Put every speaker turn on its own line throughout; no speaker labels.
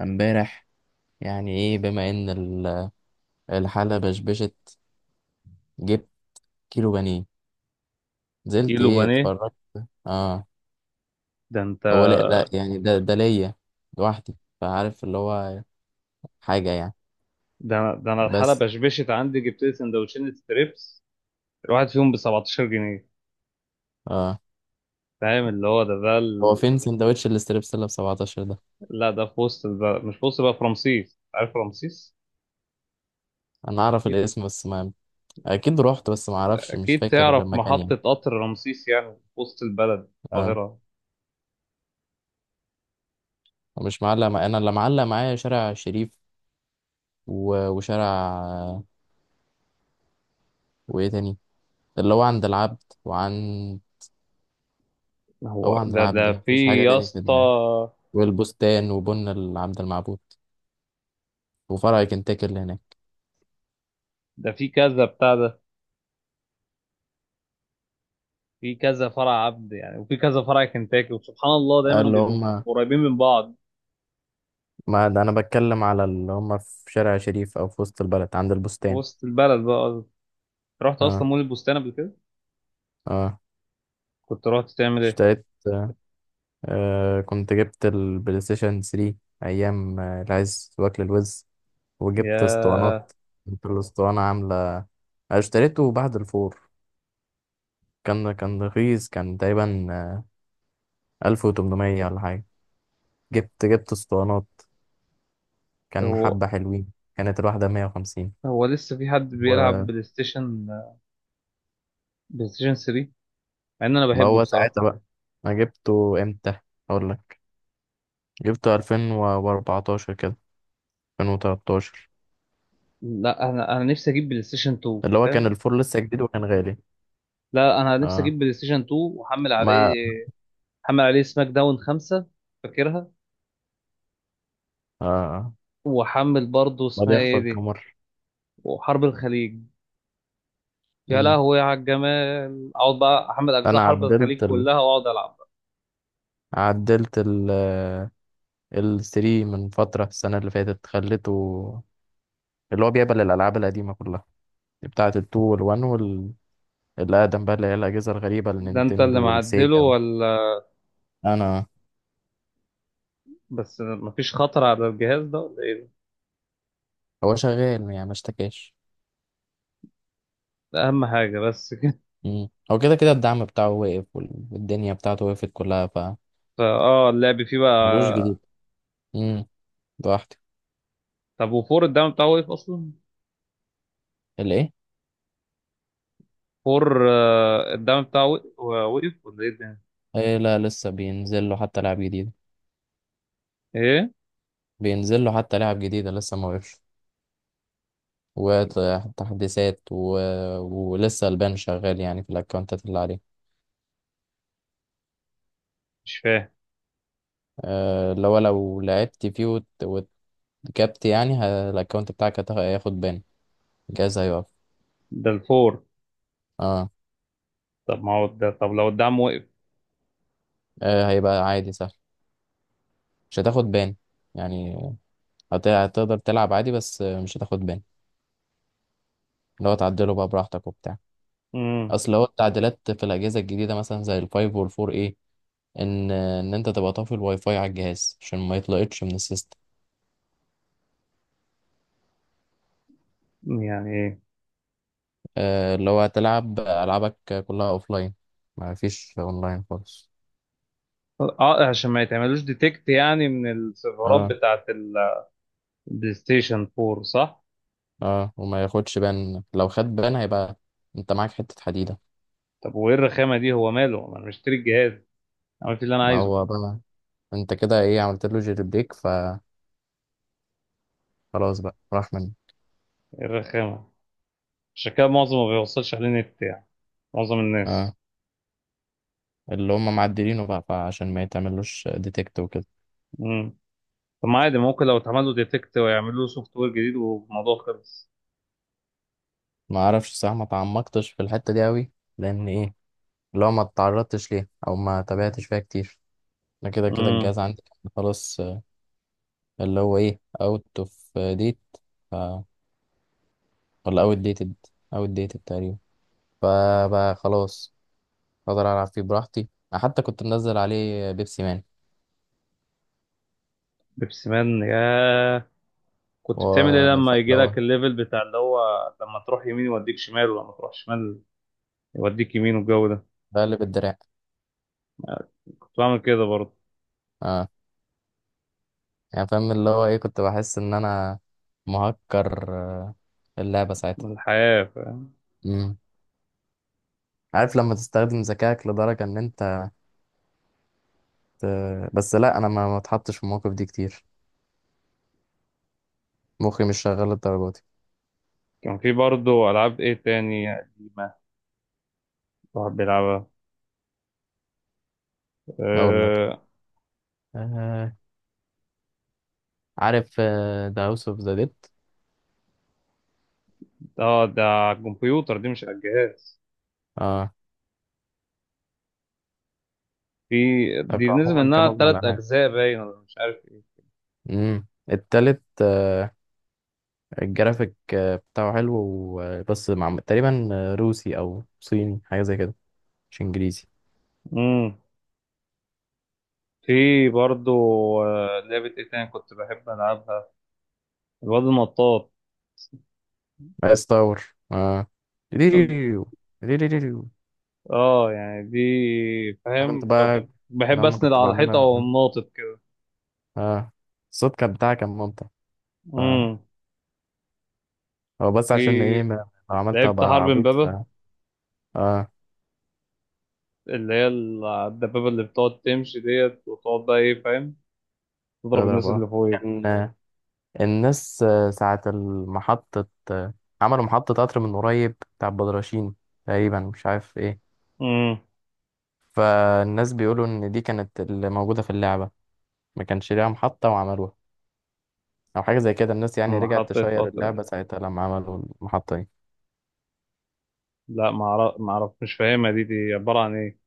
امبارح يعني ايه بما ان الحالة بشبشت، جبت كيلو بانيه، نزلت
كيلو
ايه
بانيه.
اتفرجت. اه.
ده انت.
هو، لا لا يعني ده ليا لوحدي، فعارف اللي هو حاجة يعني.
ده انا الحاله
بس.
بشبشت عندي، جبت لي سندوتشين ستريبس. الواحد فيهم ب 17 جنيه.
اه.
فاهم اللي هو.
هو فين سندوتش الاستريبسيلا ب 17 ده؟
لا ده في وسط البلد، مش في وسط بقى، في رمسيس. عارف رمسيس؟
انا اعرف
اكيد.
الاسم بس ما... اكيد رحت بس ما اعرفش، مش
اكيد
فاكر
تعرف
المكان يعني.
محطه قطر رمسيس يعني في وسط البلد
اه.
القاهره.
مش معلق مع... انا اللي معلق معايا شارع شريف وشارع وايه تاني، اللي هو عند العبد وعند... هو
هو
عند
ده
العبد
ده
مفيش
في
حاجة
يا
تاني في
اسطى.
دماغي، والبستان وبن عبد المعبود وفرع كنتاكي اللي هناك.
ده في كذا بتاع ده. في كذا فرع عبد يعني، وفي كذا فرع كنتاكي، وسبحان الله دايما
اللي
بيبقوا
هم...
قريبين من بعض.
ما ده انا بتكلم على اللي هم في شارع شريف او في وسط البلد عند
في
البستان.
وسط البلد بقى. رحت اصلا
اه.
مول البستان قبل كده.
اه.
كنت رحت تعمل ايه؟
اشتريت. كنت جبت البلاي ستيشن 3، ايام العز واكل الوز، وجبت اسطوانات.
يا.
كنت الاسطوانة عاملة اشتريته بعد الفور. كان رخيص، كان تقريبا 1800 ولا حاجة. جبت اسطوانات، كان
هو
حبة حلوين، كانت الواحدة 150.
هو لسه في حد بيلعب بلاي ستيشن؟ بلاي ستيشن 3. مع ان انا
ما
بحبه
هو
بصراحه.
ساعتها بقى، انا جبته امتى؟ اقول لك. جبته 2014 كده، 2013.
لا انا نفسي اجيب بلاي ستيشن 2،
اللي هو كان
فاهم.
الفور لسه جديد وكان غالي.
لا انا نفسي
اه.
اجيب بلاي ستيشن 2. واحمل عليه.
ما
احمل عليه سماك داون 5، فاكرها.
اه
واحمل برضه
ما
اسمها
دي اخفى
ايه دي.
القمر.
وحرب الخليج. يا
مم.
لهوي على الجمال. اقعد بقى احمل اجزاء
انا
حرب الخليج كلها واقعد العب.
عدلت ال ال 3 من فترة السنة اللي فاتت، خليته اللي هو بيقبل الألعاب القديمة كلها، بتاعة ال 2 وال 1 وال اللي أقدم بقى، اللي هي الأجهزة الغريبة،
ده انت
النينتندو
اللي معدله،
والسيجا بقى.
ولا؟
أنا.
بس مفيش خطر على الجهاز ده، ولا ايه؟
هو شغال يعني، ما اشتكاش.
ده اهم حاجه بس
مم. هو كده كده الدعم بتاعه وقف، والدنيا بتاعته وقفت كلها،
اه، اللعب فيه
فملوش
بقى.
جديد. امم. لوحده.
طب وفور الدعم بتاعه وقف اصلا؟
الايه؟
فور الدعم بتاعه وقف ولا ايه ده؟
إيه؟ لا، لسه بينزل له حتى لعب جديد،
ايه؟
بينزل له حتى لعب جديدة لسه ما وقفش، وتحديثات ولسه البان شغال يعني في الاكونتات اللي عليه.
مش فاهم.
لو لعبت فيه وتكبت يعني الاكونت بتاعك هياخد بان، جايز هيقف.
ده الفور.
اه.
طب ما هو ده، طب لو الدعم وقف.
هيبقى عادي سهل، مش هتاخد بان يعني. هتقدر تلعب عادي، بس مش هتاخد بان. اللي هو تعدله بقى براحتك وبتاع.
امم.
اصل هو التعديلات في الاجهزه الجديده، مثلا زي الفايف والفور، ايه ان انت تبقى طافي الواي فاي على الجهاز عشان ما يطلقتش من السيستم.
يعني ايه؟
اللي هو تلعب العابك كلها اوفلاين، ما فيش اونلاين خالص.
اه، عشان ما يتعملوش ديتكت يعني من السيرفرات
اه.
بتاعت البلاي ستيشن 4، صح؟
اه. وما ياخدش بان، لو خد بان هيبقى انت معاك حته حديده.
طب وايه الرخامه دي، هو ماله، ما انا مشتري الجهاز، عملت اللي انا
ما
عايزه.
هو بقى، انت كده ايه عملت له جيري بريك فخلاص بقى راح منه.
ايه الرخامه؟ عشان كده معظم ما بيوصلش عليه نت يعني، معظم
اه.
الناس.
اللي هم معدلينه بقى، فعشان ما يتعملوش ديتكت وكده.
طب ما عادي، ممكن لو اتعمل له ديتكت ويعملوا له سوفت وير جديد والموضوع خلص.
ما اعرفش صح، ما تعمقتش في الحتة دي قوي، لان ايه اللي هو ما اتعرضتش ليها او ما تابعتش فيها كتير. انا كده كده
امم.
الجهاز عندي كان خلاص، اللي هو ايه اوت اوف ديت ف... ولا اوت ديتد. اوت ديتد تقريبا. فبقى خلاص اقدر العب فيه براحتي. أنا حتى كنت منزل عليه بيبسي مان
بيبسي مان يا.
و...
كنت بتعمل ايه لما يجي
فاللي هو
لك الليفل بتاع اللي هو لما تروح يمين يوديك شمال، ولما تروح شمال يوديك يمين، والجو ده؟
بقلب الدراع.
كنت بعمل كده برضه.
اه. يعني فاهم اللي هو ايه، كنت بحس ان انا مهكر اللعبة ساعتها.
من الحياة، فاهم.
مم. عارف لما تستخدم ذكائك لدرجة ان انت... بس لا، انا ما اتحطش في المواقف دي كتير، مخي مش شغال للدرجه دي.
كان في برضه ألعاب ايه تاني قديمة الواحد بيلعبها؟
اقول لك.
اه.
آه عارف ذا هاوس اوف ذا ديد.
ده على الكمبيوتر دي، مش على الجهاز.
اه.
في دي نزل
عموما
منها
كمجمل
تلات
العاب.
أجزاء باين، ولا مش عارف ايه.
التالت، الجرافيك بتاعه حلو بس مع تقريبا روسي او صيني حاجه زي كده، مش انجليزي.
مم. في برضو لعبة ايه تاني كنت بحب ألعبها؟ الواد النطاط.
بس تاور. اه. ريريريو، ريريريو.
اه، يعني دي
انا كنت
فاهم طب.
بقى
بحب
لما
أسند
كنت
على الحيطة
بعملها.
وأقوم ناطط كده.
اه. الصوت كان بتاعها كان ممتع. ف-
امم.
هو بس عشان
في
ايه لو عملت
لعبت
ابقى
حرب
عبيط.
امبابة،
اه.
اللي هي الدبابة اللي بتقعد تمشي ديت، وتقعد بقى ايه فاهم تضرب
تضرب،
الناس اللي فوقك.
كان الناس ساعة المحطة عملوا محطة قطر من قريب بتاع بدرشين تقريبا، مش عارف ايه.
امم.
فالناس بيقولوا ان دي كانت اللي موجودة في اللعبة، ما كانش ليها محطة وعملوها، او حاجة زي كده. الناس يعني رجعت
محطة
تشير
قطر.
اللعبة ساعتها لما عملوا المحطة دي.
لا ما اعرف، ما اعرف، مش فاهمها دي، دي عبارة عن ايه؟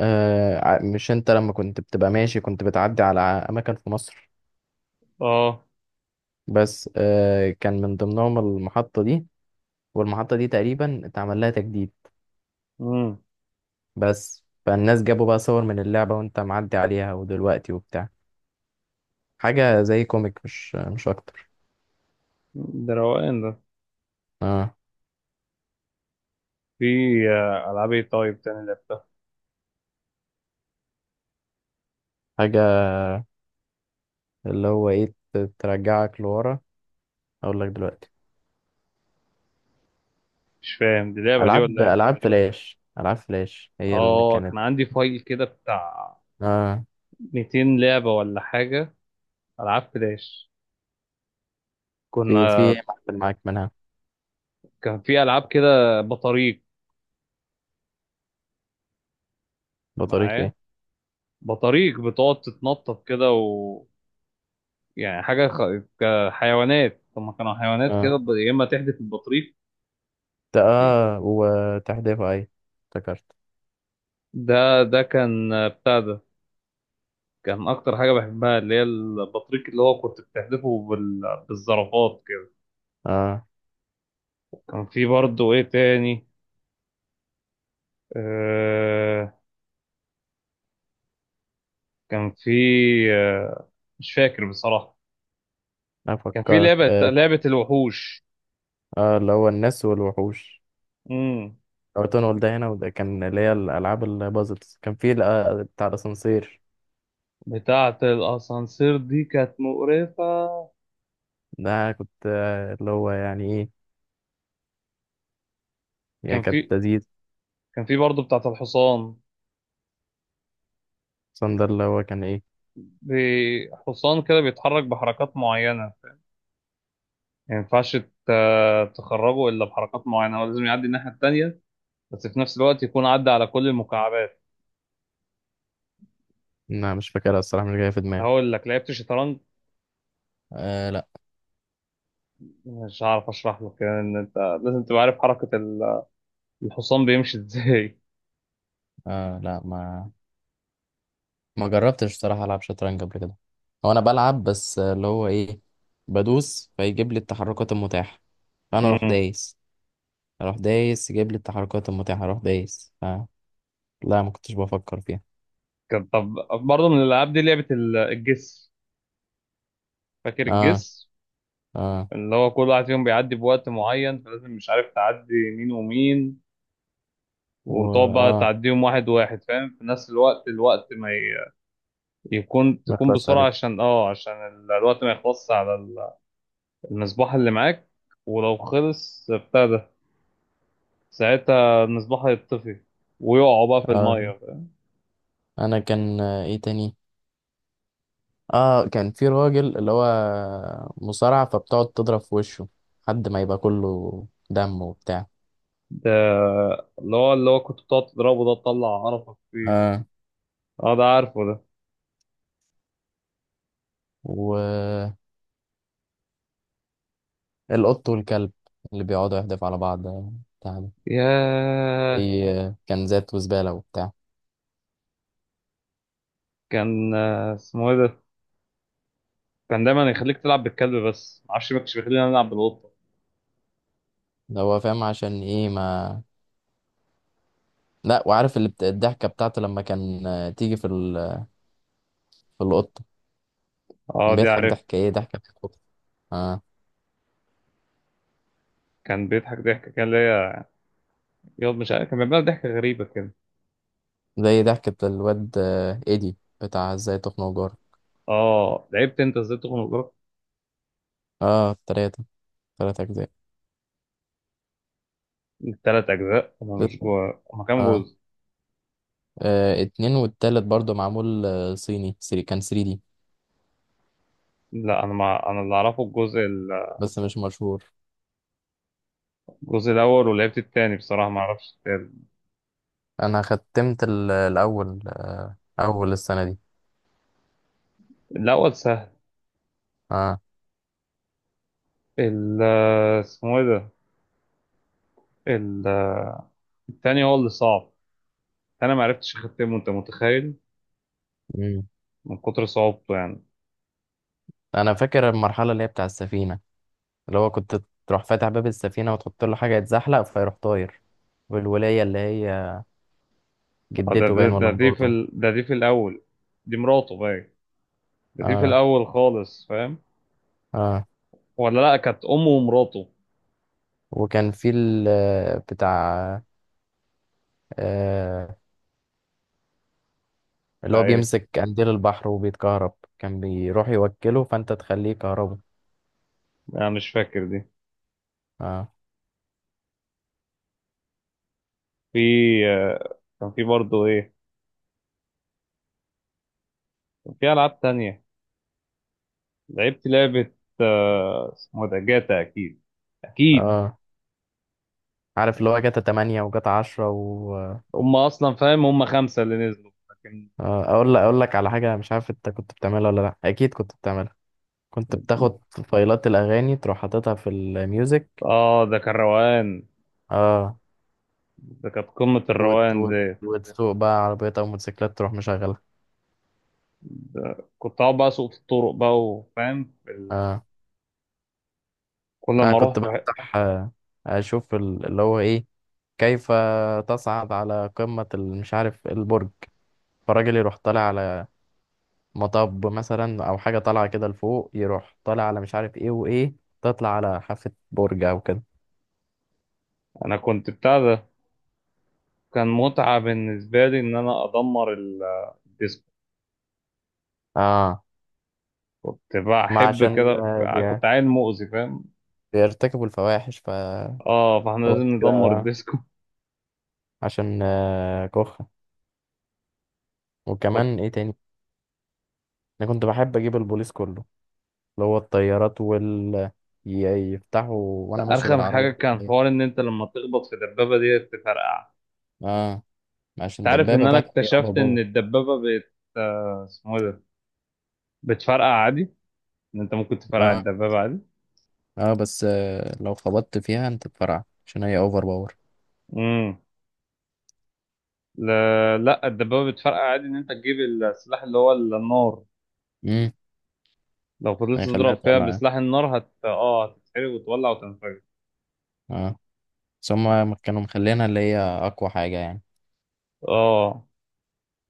آه. مش انت لما كنت بتبقى ماشي كنت بتعدي على اماكن في مصر،
اه.
بس كان من ضمنهم المحطة دي، والمحطة دي تقريبا اتعمل لها تجديد.
امم.
بس فالناس جابوا بقى صور من اللعبة وانت معدي عليها ودلوقتي وبتاع، حاجة زي كوميك، مش اكتر.
ده روقان ده.
اه.
في ألعاب ايه طيب تاني لعبتها؟
حاجة اللي هو ايه ترجعك لورا. اقول لك دلوقتي.
مش فاهم، دي لعبة دي ولا
العاب
إيه؟
العاب فلاش العاب فلاش هي اللي
اه،
كانت.
كان عندي فايل كده بتاع
اه.
200 لعبة ولا حاجة، ألعاب فلاش
في
كنا.
إيه معفن معاك منها؟
كان في ألعاب كده بطاريق
بطريق
معايا،
ايه؟
بطاريق بتقعد تتنطط كده، و يعني كحيوانات. هما كانوا حيوانات كده،
اه.
يا إما تحدف البطريق.
اه وتحديثها اي افتكرت.
ده كان بتاع ده. كان أكتر حاجة بحبها اللي هي البطريق اللي هو كنت بتحدفه بالزرافات كده.
اه.
كان في برضه إيه تاني؟ آه، كان في آه، مش فاكر بصراحة. كان في
افكرك.
لعبة
اه.
لعبة الوحوش.
اللي هو الناس والوحوش،
امم.
او تنقل ده هنا وده، كان اللي هي الالعاب البازلز، كان في بتاع الاسانسير.
بتاعة الأسانسير دي كانت مقرفة.
ده كنت اللي هو يعني ايه، هي
كان
كانت
في.
تزيد.
كان في برضه بتاعة الحصان.
صندر اللي هو كان ايه؟
حصان كده بيتحرك بحركات معينة. ما ينفعش تخرجه إلا بحركات معينة، هو لازم يعدي الناحية التانية، بس في نفس الوقت يكون عدى على كل المكعبات.
انا مش فاكرها الصراحة، مش جاية في دماغي.
هقول لك لعبت شطرنج.
آه لا.
مش عارف أشرح لك يعني إن أنت لازم تبقى عارف حركة الحصان بيمشي إزاي.
آه لا. ما جربتش الصراحة العب شطرنج قبل كده. هو انا بلعب بس اللي هو ايه، بدوس فيجيب لي التحركات المتاحة، فانا اروح دايس. اروح دايس يجيب لي التحركات المتاحة، اروح دايس. لا ما كنتش بفكر فيها.
كان طب برضه من الألعاب دي لعبة الجس، فاكر
اه.
الجس؟
اه.
اللي هو كل واحد فيهم بيعدي بوقت معين فلازم مش عارف تعدي مين ومين،
و
وتقعد بقى
اه
تعديهم واحد واحد، فاهم، في نفس الوقت ما ي- يكون
ما
تكون
خلاص
بسرعة
عليك.
عشان الوقت ما يخلصش على المصباح اللي معاك، ولو خلص بتاع ده، ساعتها المصباح هيطفي، ويقعوا بقى في
اه.
المية، فاهم؟
انا كان ايه تاني. اه كان في راجل اللي هو مصارع، فبتقعد تضرب في وشه لحد ما يبقى كله دم وبتاع.
ده اللي هو كنت بتقعد تضربه ده تطلع قرفك فيه.
اه.
اه ده عارفه ده.
والقط والكلب اللي بيقعدوا يحدفوا على بعض بتاع ده،
ياه.
اي كنزات وزبالة وبتاع.
كان اسمه ايه ده؟ كان دايما يخليك تلعب بالكلب، بس معرفش ما كانش بيخليني العب بالقطه.
ده هو فاهم عشان ايه ما... لا، وعارف اللي الضحكة بتاعته لما كان تيجي في في القطة،
اه
كان
دي
بيضحك
عارف.
ضحكة ايه، ضحكة بتاعت القطة. اه.
كان بيضحك ضحكه كان ليا، ياض، مش عارف كان بيعمل ضحكه غريبه كده.
زي ضحكة الواد ايدي بتاع ازاي تخنق جار.
اه لعبت انت ازاي تخنق جارك.
اه. تلاتة اجزاء.
التلات اجزاء انا مش جوا، هما كام
اه
جزء؟
اتنين والتالت برضو معمول صيني سري كان 3D،
لا انا، ما انا اللي اعرفه الجزء
بس مش مشهور.
الجزء الاول، ولعبت التاني بصراحه، ما اعرفش التالت.
انا ختمت الاول اول السنة دي.
الاول سهل.
اه.
ال اسمه ايه ده، ال- التاني هو اللي صعب. انا ما عرفتش اختمه، انت متخيل؟
مم.
من كتر صعوبته يعني.
انا فاكر المرحلة اللي هي بتاع السفينة، اللي هو كنت تروح فاتح باب السفينة وتحط له حاجة يتزحلق فيروح طاير. والولاية اللي هي
اه، ده
جدته
ده
باين
ده
ولا
دي في
مراته.
ال... ده دي في الاول، دي مراته باين. دي في
اه.
الاول خالص فاهم.
اه.
ولا لا كانت امه ومراته.
وكان في ال بتاع آه اللي هو
بتاع ايه؟
بيمسك قنديل البحر وبيتكهرب، كان بيروح يوكله فانت تخليه كهربه.
انا مش فاكر دي.
اه.
في كان في برضه ايه؟ كان في العاب تانية، لعبت لعبة، اسمه إيه ده، جاتا اكيد. اكيد
اه عارف اللي هو جاتا 8 وجاتا 10 و...
هم اصلا فاهم هم خمسة اللي نزلوا، لكن.
اقول لك على حاجه، مش عارف انت كنت بتعملها ولا لا، اكيد كنت بتعملها. كنت بتاخد فايلات الاغاني تروح حاططها في الميوزك.
اه ده كان روقان.
اه.
ده كانت قمة الروقان دي.
وتسوق بقى عربيات او موتوسيكلات تروح مشغلها.
ده كنت اقعد بقى اسوق في الطرق بقى، وفاهم
اه.
كل
انا
ما
كنت
اروح
بفتح اشوف اللي هو ايه، كيف تصعد على قمه مش عارف، البرج. فالراجل يروح طالع على مطب مثلا او حاجه طالعه كده لفوق، يروح طالع على مش عارف ايه وايه، تطلع على حافه برج او كده.
انا كنت بتاع ده. كان متعة بالنسبة لي إن أنا أدمر الديسكو.
اه.
كنت
ما
بحب
عشان
كده. كنت عيل مؤذي، فاهم.
بيرتكبوا الفواحش ف...
اه، فاحنا
هو
لازم ندمر
كده،
الديسكو.
عشان كخة.
كنت
وكمان ايه تاني. انا كنت بحب اجيب البوليس كله، اللي هو الطيارات وال ي- يفتحوا وانا ماشي
أرخم حاجة
بالعربية
كان
دي.
حوار إن أنت لما تخبط في الدبابة دي تفرقع.
اه.
أنت
عشان
عارف إن
دبابة
أنا
بقى هي اوفر
اكتشفت إن
باور.
الدبابة، بت آه، اسمه إيه ده، بتفرقع عادي، إن أنت ممكن تفرقع
اه.
الدبابة عادي.
اه. بس لو خبطت فيها انت بفرع عشان هي اوفر باور.
امم. لا لا، الدبابة بتفرقع عادي إن أنت تجيب السلاح اللي هو النار.
امم.
لو فضلت
هيخليها
تضرب فيها
تولع يعني.
بسلاح النار، هت اه هتتحرق وتولع وتنفجر.
اه. بس هما كانوا مخلينها اللي هي اقوى حاجة يعني.
اه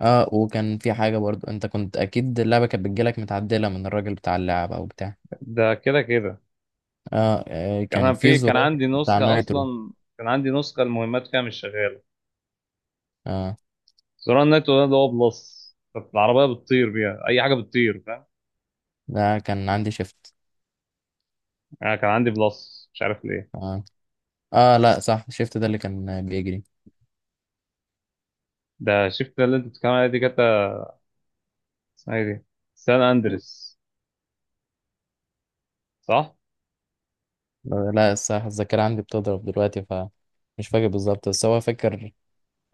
اه. وكان في حاجة برضو، انت كنت اكيد اللعبة كانت بتجيلك متعدلة من الراجل بتاع اللعبة او بتاع.
ده كده كده.
اه كان في
كان
زرار
عندي
بتاع
نسخة
نايترو.
أصلا، كان عندي نسخة المهمات فيها مش شغالة.
اه.
زرار النت ده اللي هو بلس، كانت العربية بتطير بيها، أي حاجة بتطير، فاهم.
ده كان عندي شيفت.
أنا كان عندي بلس، مش عارف ليه.
اه. اه. لا صح، الشيفت ده اللي كان بيجري.
ده شفت اللي أنت بتتكلم عليها دي كانت اسمها إيه دي، سان أندريس، صح؟
لا صح، الذاكرة عندي بتضرب دلوقتي ف... مش فاكر بالظبط بس هو فاكر.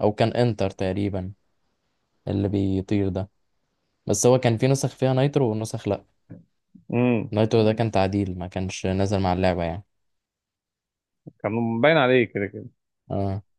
او كان انتر تقريبا اللي بيطير ده. بس هو كان في نسخ فيها نايترو ونسخ لا.
امم.
نايترو ده كان تعديل ما كانش نازل مع اللعبة يعني.
كان باين عليه كده كده.
اه.